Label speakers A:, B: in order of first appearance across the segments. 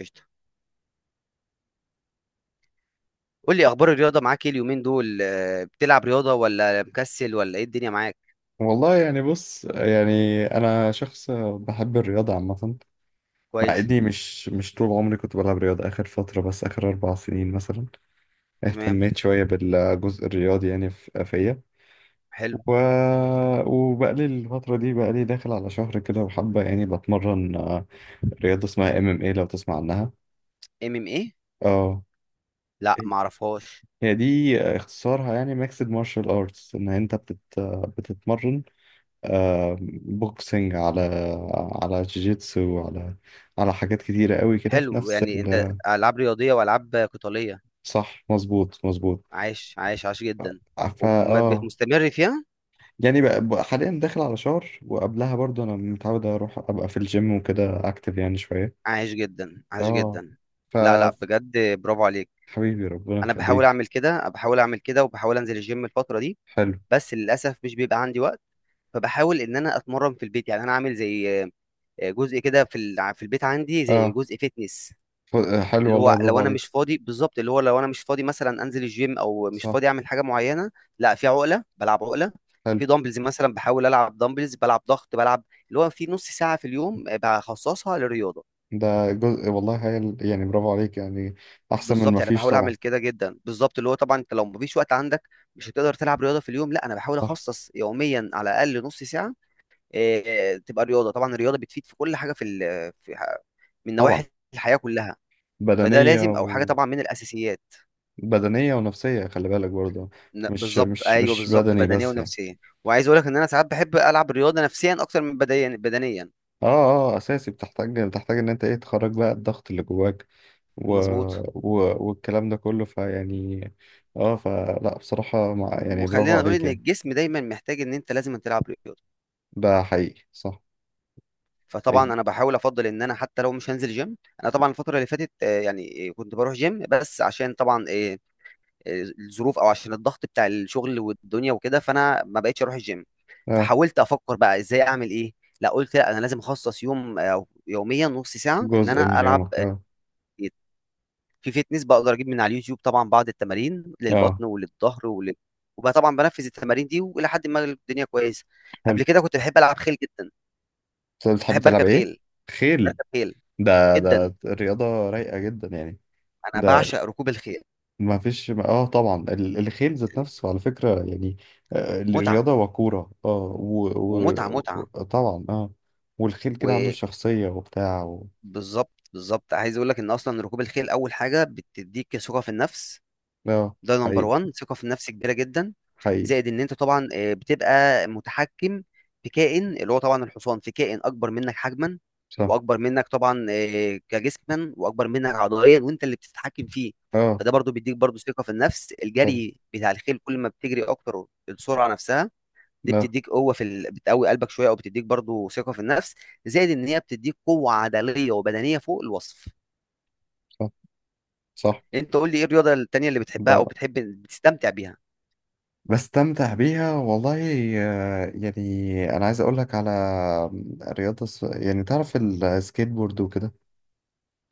A: قشطة. قول لي اخبار الرياضة معاك ايه اليومين دول؟ بتلعب رياضة ولا مكسل ولا ايه الدنيا معاك؟
B: والله يعني بص يعني انا شخص بحب الرياضه عامه. مع
A: كويس.
B: اني مش طول عمري كنت بلعب رياضه. اخر فتره، بس اخر اربع سنين مثلا،
A: تمام.
B: اهتميت شويه بالجزء الرياضي يعني فيا.
A: حلو.
B: و... وبقالي الفتره دي، بقالي داخل على شهر كده، وحابه يعني بتمرن رياضه اسمها ام ام اي، لو تسمع عنها.
A: ام ام ايه؟
B: اه،
A: لا معرفهاش.
B: هي دي اختصارها، يعني ميكسد مارشال ارتس. ان انت بتتمرن بوكسنج، على على جيجيتسو، على على حاجات كتيرة قوي كده في
A: حلو،
B: نفس
A: يعني انت
B: ال.
A: العاب رياضية والعاب قتالية.
B: صح، مظبوط مظبوط.
A: عايش جدا
B: فا
A: ومستمر فيها.
B: يعني بقى حاليا داخل على شهر، وقبلها برضو انا متعود اروح ابقى في الجيم وكده، اكتف يعني شوية.
A: عايش جدا عايش
B: اه.
A: جدا. لا لا،
B: ف
A: بجد برافو عليك.
B: حبيبي، ربنا
A: انا بحاول
B: يخليك.
A: اعمل كده، وبحاول انزل الجيم الفترة دي،
B: حلو.
A: بس للاسف مش بيبقى عندي وقت. فبحاول ان انا اتمرن في البيت، يعني انا عامل زي جزء كده في البيت عندي زي
B: اه.
A: جزء فيتنس.
B: ف- حلو
A: اللي هو
B: والله،
A: لو
B: برافو
A: انا مش
B: عليك.
A: فاضي بالظبط، اللي هو لو انا مش فاضي مثلا انزل الجيم او مش
B: صح.
A: فاضي اعمل حاجه معينه، لا في عقله بلعب عقله.
B: حلو.
A: في دامبلز مثلا بحاول العب دامبلز، بلعب ضغط، بلعب اللي هو في نص ساعه في اليوم بخصصها للرياضه.
B: ده جزء والله هايل، يعني برافو عليك يعني، احسن من
A: بالظبط،
B: ما
A: يعني
B: فيش
A: بحاول
B: طبعا.
A: اعمل كده جدا بالظبط. اللي هو طبعا انت لو مفيش وقت عندك مش هتقدر تلعب رياضه في اليوم، لا انا بحاول
B: صح
A: اخصص يوميا على الاقل نص ساعه. تبقى رياضه. طبعا الرياضه بتفيد في كل حاجه، في ال- في- ح- من نواحي
B: طبعا.
A: الحياه كلها، فده
B: بدنية.
A: لازم او حاجه طبعا من الاساسيات.
B: بدنية ونفسية، خلي بالك برضه. مش
A: بالظبط،
B: مش
A: ايوه
B: مش
A: بالظبط،
B: بدني
A: بدنيه
B: بس يعني.
A: ونفسيه. وعايز اقول لك ان انا ساعات بحب العب الرياضه نفسيا اكتر من بدنيا بدنيا.
B: اه. اه، اساسي، بتحتاج بتحتاج ان انت ايه تخرج بقى الضغط اللي جواك. و...
A: مظبوط.
B: والكلام ده كله فيعني. اه، فلا بصراحة يعني برافو
A: وخلينا نقول
B: عليك
A: ان
B: يعني.
A: الجسم دايما محتاج ان انت لازم تلعب رياضه.
B: ده حقيقي، صح.
A: فطبعا
B: الج-
A: انا بحاول افضل ان انا حتى لو مش هنزل جيم. انا طبعا الفتره اللي فاتت كنت بروح جيم، بس عشان طبعا آه، الظروف او عشان الضغط بتاع الشغل والدنيا وكده، فانا ما بقتش اروح الجيم.
B: اه،
A: فحاولت افكر بقى ازاي اعمل ايه. لا قلت لا انا لازم اخصص يوم، او يوميا نص ساعه ان
B: جزء
A: انا
B: من
A: العب
B: يومك، اه.
A: في فيتنس. بقدر اجيب من على اليوتيوب طبعا بعض التمارين
B: اه،
A: للبطن وللظهر وبقى طبعا بنفذ التمارين دي، والى حد ما الدنيا كويسه.
B: حلو.
A: قبل كده كنت بحب العب خيل جدا.
B: بس بتحب
A: بحب
B: تلعب
A: اركب
B: ايه؟
A: خيل.
B: خيل.
A: بركب خيل
B: ده
A: جدا.
B: ده رياضة رايقة جدا يعني.
A: انا
B: ده
A: بعشق ركوب الخيل.
B: ما فيش، اه طبعا، الخيل ذات نفسه على فكرة يعني،
A: متعه.
B: الرياضة وكورة اه، وطبعا
A: ومتعه متعه.
B: طبعا، اه. والخيل كده عنده شخصية وبتاع
A: وبالظبط بالظبط، عايز اقول لك ان اصلا ركوب الخيل اول حاجه بتديك ثقه في النفس.
B: اه.
A: ده نمبر
B: حقيقي.
A: 1، ثقة في النفس كبيرة جدا.
B: حقيقي،
A: زائد ان انت طبعا بتبقى متحكم في كائن، اللي هو طبعا الحصان، في كائن اكبر منك حجما،
B: صح.
A: واكبر منك طبعا كجسما، واكبر منك عضليا، وانت اللي بتتحكم فيه.
B: اه،
A: فده برضو بيديك برضو ثقة في النفس.
B: طبعا،
A: الجري بتاع الخيل كل ما بتجري اكتر، السرعة نفسها دي
B: اه.
A: بتديك قوة بتقوي قلبك شوية، او بتديك برضو ثقة في النفس. زائد ان هي بتديك قوة عضلية وبدنية فوق الوصف.
B: صح. صح.
A: انت قول لي ايه الرياضة التانية اللي بتحبها
B: ب...
A: او بتحب بتستمتع بيها؟
B: بستمتع بيها والله. يعني انا عايز اقول لك على رياضة يعني تعرف السكيت بورد وكده.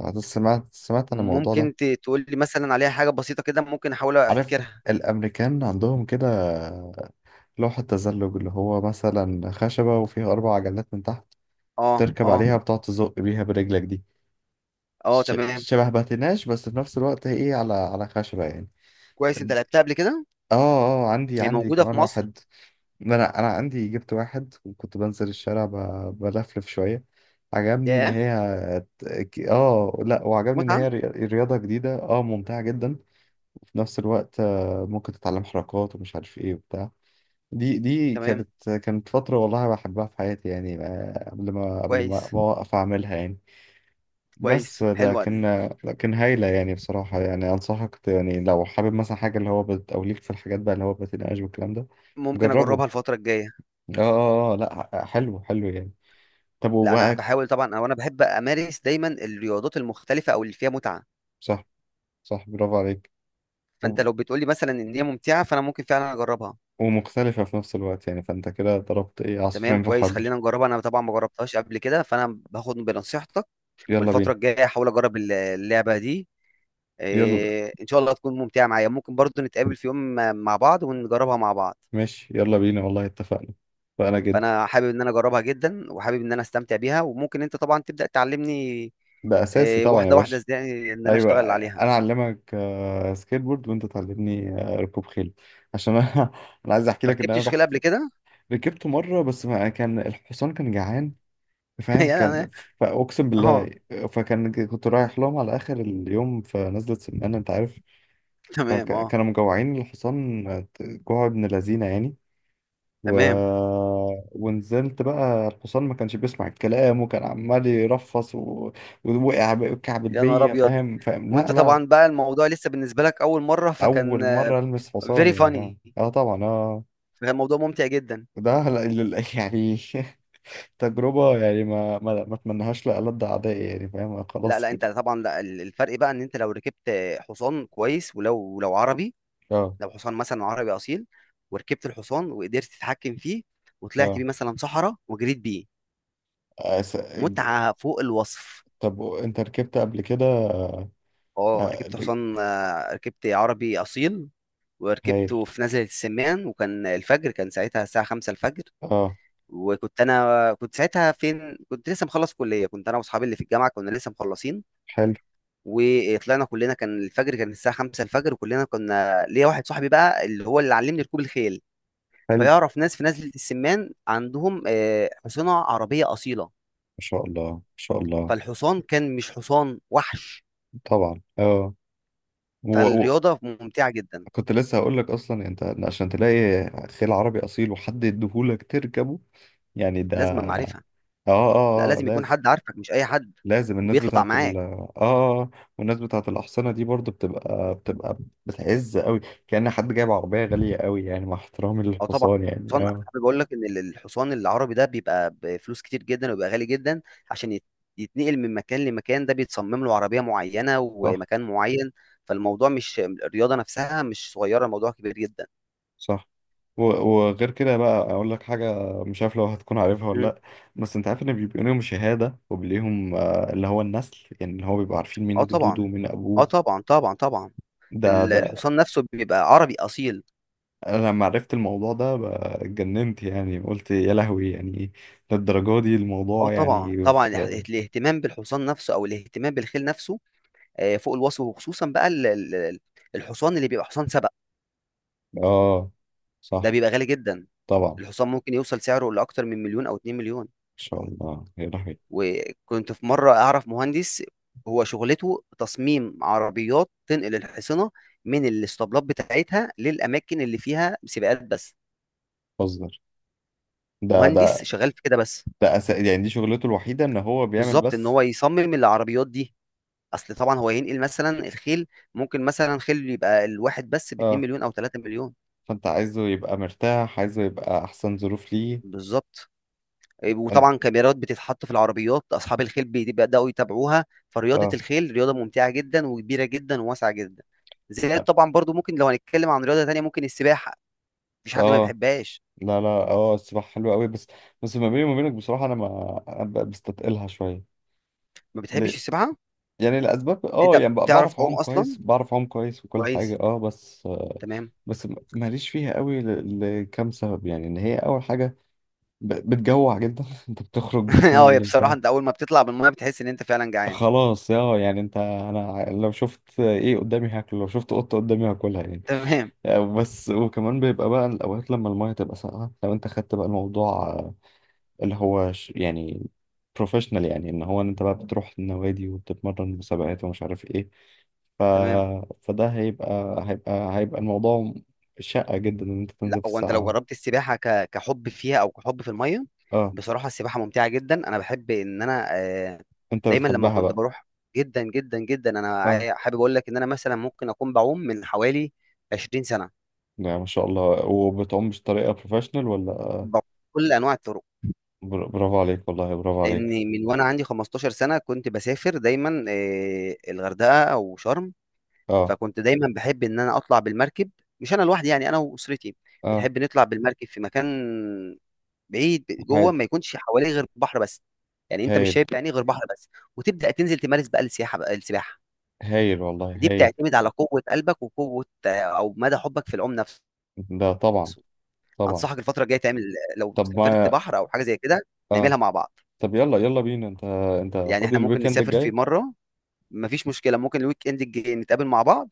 B: أنا سمعت عن الموضوع ده.
A: ممكن تقول لي مثلا عليها حاجة بسيطة كده ممكن احاول
B: عارف
A: افتكرها.
B: الامريكان عندهم كده لوحة تزلج، اللي هو مثلا خشبة وفيها أربع عجلات من تحت،
A: اه
B: تركب
A: اه.
B: عليها بتقعد تزق بيها برجلك دي.
A: اه تمام.
B: شبه باتيناج، بس في نفس الوقت هي ايه، على على خشبة يعني.
A: كويس، انت
B: دي-
A: لعبتها قبل كده؟
B: اه. اه، عندي
A: هي
B: عندي
A: موجودة في
B: كمان
A: مصر؟
B: واحد. ما انا انا عندي، جبت واحد وكنت بنزل الشارع بلفلف شوية. عجبني ان
A: ياه،
B: هي اه لا، وعجبني ان هي
A: متعة.
B: رياضة جديدة، اه، ممتعة جدا. وفي نفس الوقت، ممكن تتعلم حركات ومش عارف ايه وبتاع. دي دي
A: تمام،
B: كانت كانت فترة والله بحبها في حياتي، يعني قبل ما قبل ما
A: كويس.
B: ما أوقف أعملها يعني. بس
A: كويس، حلوة.
B: لكن، لكن هايلة يعني بصراحة. يعني أنصحك يعني لو حابب مثلا حاجة اللي هو بت، أو ليك في الحاجات بقى اللي هو بتناقش والكلام ده.
A: ممكن
B: جربه.
A: اجربها الفترة الجاية.
B: لأ، حلو حلو يعني. طب
A: لا انا
B: وبقى،
A: بحاول طبعا، او انا بحب امارس دايما الرياضات المختلفة او اللي فيها متعة.
B: صح. صح، برافو عليك.
A: فانت
B: وب-
A: لو بتقول لي مثلا ان هي ممتعة، فانا ممكن فعلا اجربها.
B: ومختلفة في نفس الوقت يعني، فأنت كده ضربت إيه
A: تمام،
B: عصفورين في
A: كويس،
B: حجر.
A: خلينا نجربها. انا طبعا ما جربتهاش قبل كده، فانا باخد بنصيحتك.
B: يلا
A: والفترة
B: بينا.
A: الجاية احاول اجرب اللعبة دي.
B: يلا،
A: ان شاء الله تكون ممتعه معايا. ممكن برضو نتقابل في يوم مع بعض ونجربها مع بعض.
B: ماشي، يلا بينا والله، اتفقنا. فأنا جدا.
A: فانا حابب ان انا اجربها جدا، وحابب ان انا استمتع بيها. وممكن انت طبعا تبدا تعلمني.
B: ده أساسي طبعا يا
A: واحده واحده
B: باشا.
A: ازاي ان انا
B: ايوه،
A: اشتغل عليها.
B: انا اعلمك سكيت بورد، وانت تعلمني ركوب خيل. عشان انا انا عايز احكي
A: ما
B: لك ان انا
A: ركبتش خيل
B: رحت
A: قبل كده.
B: ركبت مره، بس ما كان الحصان كان جعان، فاهم؟
A: يا
B: كان،
A: أنا-
B: فاقسم بالله،
A: اه
B: فكان، كنت رايح لهم على اخر اليوم في نزله سمانه، انت عارف.
A: تمام. اه
B: فكانوا مجوعين الحصان، جوع ابن لذينه يعني. و...
A: تمام.
B: ونزلت بقى، الحصان ما كانش بيسمع الكلام، وكان عمال يرفص ووقع وكعب
A: يا نهار
B: البية،
A: ابيض.
B: فاهم؟ فاهم،
A: وانت
B: لا لا.
A: طبعا بقى الموضوع لسه بالنسبه لك اول مره، فكان
B: اول مره المس حصان
A: فيري
B: يعني، اه،
A: فاني.
B: اه طبعا، اه.
A: فكان الموضوع ممتع جدا.
B: ده يعني تجربه يعني ما اتمنهاش لألد اعدائي يعني، فاهم؟
A: لا
B: خلاص
A: لا، انت
B: كده.
A: طبعا لا، الفرق بقى ان انت لو ركبت حصان كويس، ولو عربي،
B: اه.
A: لو حصان مثلا عربي اصيل، وركبت الحصان وقدرت تتحكم فيه وطلعت بيه
B: اه.
A: مثلا صحراء وجريت بيه،
B: أس... ج-
A: متعه فوق الوصف.
B: طب انت ركبت قبل كده؟
A: اه
B: آه،
A: ركبت
B: ل-
A: حصان، ركبت عربي اصيل،
B: هايل.
A: وركبته في نزلة السمان، وكان الفجر، كان ساعتها الساعة خمسة الفجر.
B: اه.
A: وكنت أنا، كنت ساعتها فين، كنت لسه مخلص كلية، كنت أنا وأصحابي اللي في الجامعة كنا لسه مخلصين،
B: حلو
A: وطلعنا كلنا، كان الفجر كان الساعة خمسة الفجر، وكلنا كنا، ليا واحد صاحبي بقى اللي هو اللي علمني ركوب الخيل،
B: حلو، ما
A: فيعرف ناس في نزلة السمان عندهم حصنة عربية أصيلة.
B: شاء الله، ما شاء الله.
A: فالحصان كان مش حصان وحش،
B: طبعا اه. و... و...
A: فالرياضة ممتعة جدا.
B: كنت لسه هقول لك، اصلا انت عشان تلاقي خيل عربي اصيل وحد يديهولك تركبه، يعني ده.
A: لازم معرفة.
B: اه.
A: لا
B: آه
A: لازم يكون
B: لازم.
A: حد عارفك، مش أي حد،
B: لازم الناس
A: وبيطلع
B: بتاعت ال.
A: معاك.
B: اه. والناس بتاعت الأحصنة دي برضو بتبقى بتعز قوي، كأن حد جايب عربية غالية قوي، يعني مع احترامي
A: أو طبعا
B: للحصان، يعني
A: حصان.
B: اه.
A: حابب أقول لك إن الحصان العربي ده بيبقى بفلوس كتير جدا، وبيبقى غالي جدا عشان يتنقل من مكان لمكان. ده بيتصمم له عربية معينة
B: صح.
A: ومكان معين. فالموضوع، مش الرياضة نفسها، مش صغيرة، الموضوع كبير جدا.
B: صح. و- وغير كده بقى، أقول لك حاجة، مش عارف لو هتكون عارفها ولا
A: مم.
B: لأ. بس أنت عارف إن بيبقى ليهم شهادة، وبليهم آه اللي هو النسل، يعني اللي هو بيبقوا عارفين
A: اه
B: مين جدوده
A: طبعا.
B: ومين
A: اه
B: أبوه.
A: طبعا طبعا طبعا.
B: ده ده
A: الحصان نفسه بيبقى عربي أصيل.
B: أنا لما عرفت الموضوع ده بقى اتجننت يعني، قلت يا لهوي يعني، للدرجة دي
A: آه
B: الموضوع
A: طبعًا،
B: يعني.
A: طبعًا، الاهتمام بالحصان نفسه أو الاهتمام بالخيل نفسه فوق الوصف. وخصوصًا بقى ال ال ال الحصان اللي بيبقى حصان سبق،
B: اه.
A: ده
B: صح.
A: بيبقى غالي جدًا.
B: طبعا، ان
A: الحصان ممكن يوصل سعره لأكتر من 1.000.000 أو 2.000.000.
B: شاء الله. يا لهوي،
A: وكنت في مرة أعرف مهندس، هو شغلته تصميم عربيات تنقل الحصنة من الإسطبلات بتاعتها للأماكن اللي فيها سباقات بس.
B: بتهزر! ده
A: مهندس
B: ده
A: شغال في كده بس.
B: يعني دي شغلته الوحيده، ان هو بيعمل
A: بالضبط، إن
B: بس.
A: هو يصمم العربيات دي. اصل طبعا هو ينقل مثلا الخيل، ممكن مثلا خيل يبقى الواحد بس ب 2
B: اه،
A: مليون او 3 مليون.
B: فانت عايزه يبقى مرتاح، عايزه يبقى احسن ظروف ليه.
A: بالظبط.
B: أن...
A: وطبعا كاميرات بتتحط في العربيات، اصحاب الخيل بيبداوا يتابعوها. فرياضه
B: اه.
A: الخيل رياضه ممتعه جدا وكبيره جدا وواسعه جدا. زائد طبعا برضو ممكن لو هنتكلم عن رياضه تانية، ممكن السباحه. مفيش حد ما
B: اه
A: بيحبهاش.
B: لا لا، اه السباحه حلوه قوي، بس بس ما بيني وما بينك بصراحه، انا ما أنا بستثقلها شويه.
A: ما بتحبش
B: ليه؟
A: السباحه؟
B: يعني الاسباب اه
A: انت
B: يعني،
A: بتعرف
B: بعرف
A: تعوم
B: اعوم
A: اصلا؟
B: كويس، بعرف اعوم كويس وكل حاجه
A: كويس.
B: اه، بس آه،
A: تمام.
B: بس ماليش فيها قوي لكام سبب يعني، ان هي اول حاجه بتجوع جدا. انت بتخرج من
A: اه هي
B: اللي
A: بصراحه
B: انت،
A: انت اول ما بتطلع من الميه بتحس ان انت فعلا جعان.
B: خلاص يا يعني، انت انا لو شفت ايه قدامي هاكله، لو شفت قطه قدامي هاكلها يعني.
A: تمام.
B: بس وكمان بيبقى بقى الاوقات لما المايه تبقى ساقعه، لو انت خدت بقى الموضوع اللي هو يعني بروفيشنال، يعني ان هو ان انت بقى بتروح النوادي وبتتمرن مسابقات ومش عارف ايه. ف...
A: تمام.
B: فده هيبقى، هيبقى الموضوع شقة جدا، ان انت
A: لا
B: تنزل في
A: هو انت لو
B: الساعة.
A: جربت السباحه كحب فيها او كحب في الميه،
B: اه.
A: بصراحه السباحه ممتعه جدا. انا بحب ان انا،
B: انت
A: دايما لما
B: بتحبها
A: كنت
B: بقى؟
A: بروح. جدا جدا جدا. انا
B: آه.
A: حابب اقول لك ان انا مثلا ممكن اكون بعوم من حوالي 20 سنه.
B: يعني ما شاء الله، وبتعوم بطريقة بروفيشنال ولا؟
A: بعوم كل انواع الطرق.
B: برافو عليك والله، برافو عليك.
A: لان من وانا عندي 15 سنه كنت بسافر دايما، الغردقه او شرم.
B: اه.
A: فكنت دايما بحب ان انا اطلع بالمركب، مش انا لوحدي، يعني انا واسرتي،
B: اه.
A: بنحب نطلع بالمركب في مكان بعيد جوه، ما
B: عادي.
A: يكونش حواليه غير بحر بس، يعني انت مش
B: هايل.
A: شايف يعني غير بحر بس. وتبدا تنزل تمارس بقى السياحه بقى السباحه.
B: هايل والله،
A: دي
B: هايل.
A: بتعتمد على قوه قلبك وقوه، او مدى حبك في العوم نفسه.
B: ده طبعا. طبعا.
A: انصحك الفتره الجايه تعمل، لو
B: طب
A: سافرت
B: ما،
A: بحر او حاجه زي كده،
B: اه،
A: نعملها مع بعض.
B: طب يلا يلا بينا. انت انت
A: يعني
B: فاضي
A: احنا ممكن
B: الويكند
A: نسافر في
B: الجاي؟
A: مره، مفيش مشكله، ممكن الويك اند الجاي نتقابل مع بعض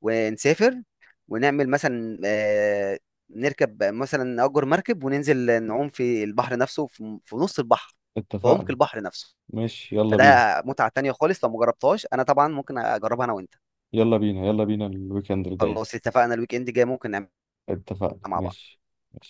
A: ونسافر، ونعمل مثلا، نركب مثلا، نأجر مركب وننزل نعوم في البحر نفسه، في نص البحر، في عمق
B: اتفقنا.
A: البحر نفسه.
B: ماشي. يلا
A: فده
B: بينا،
A: متعة تانية خالص، لو مجربتهاش. انا طبعا ممكن اجربها انا وانت.
B: يلا بينا. يلا بينا الويكند الجاي.
A: خلاص اتفقنا، الويك اند جاي ممكن نعملها
B: اتفقنا،
A: مع بعض.
B: ماشي. ماشي.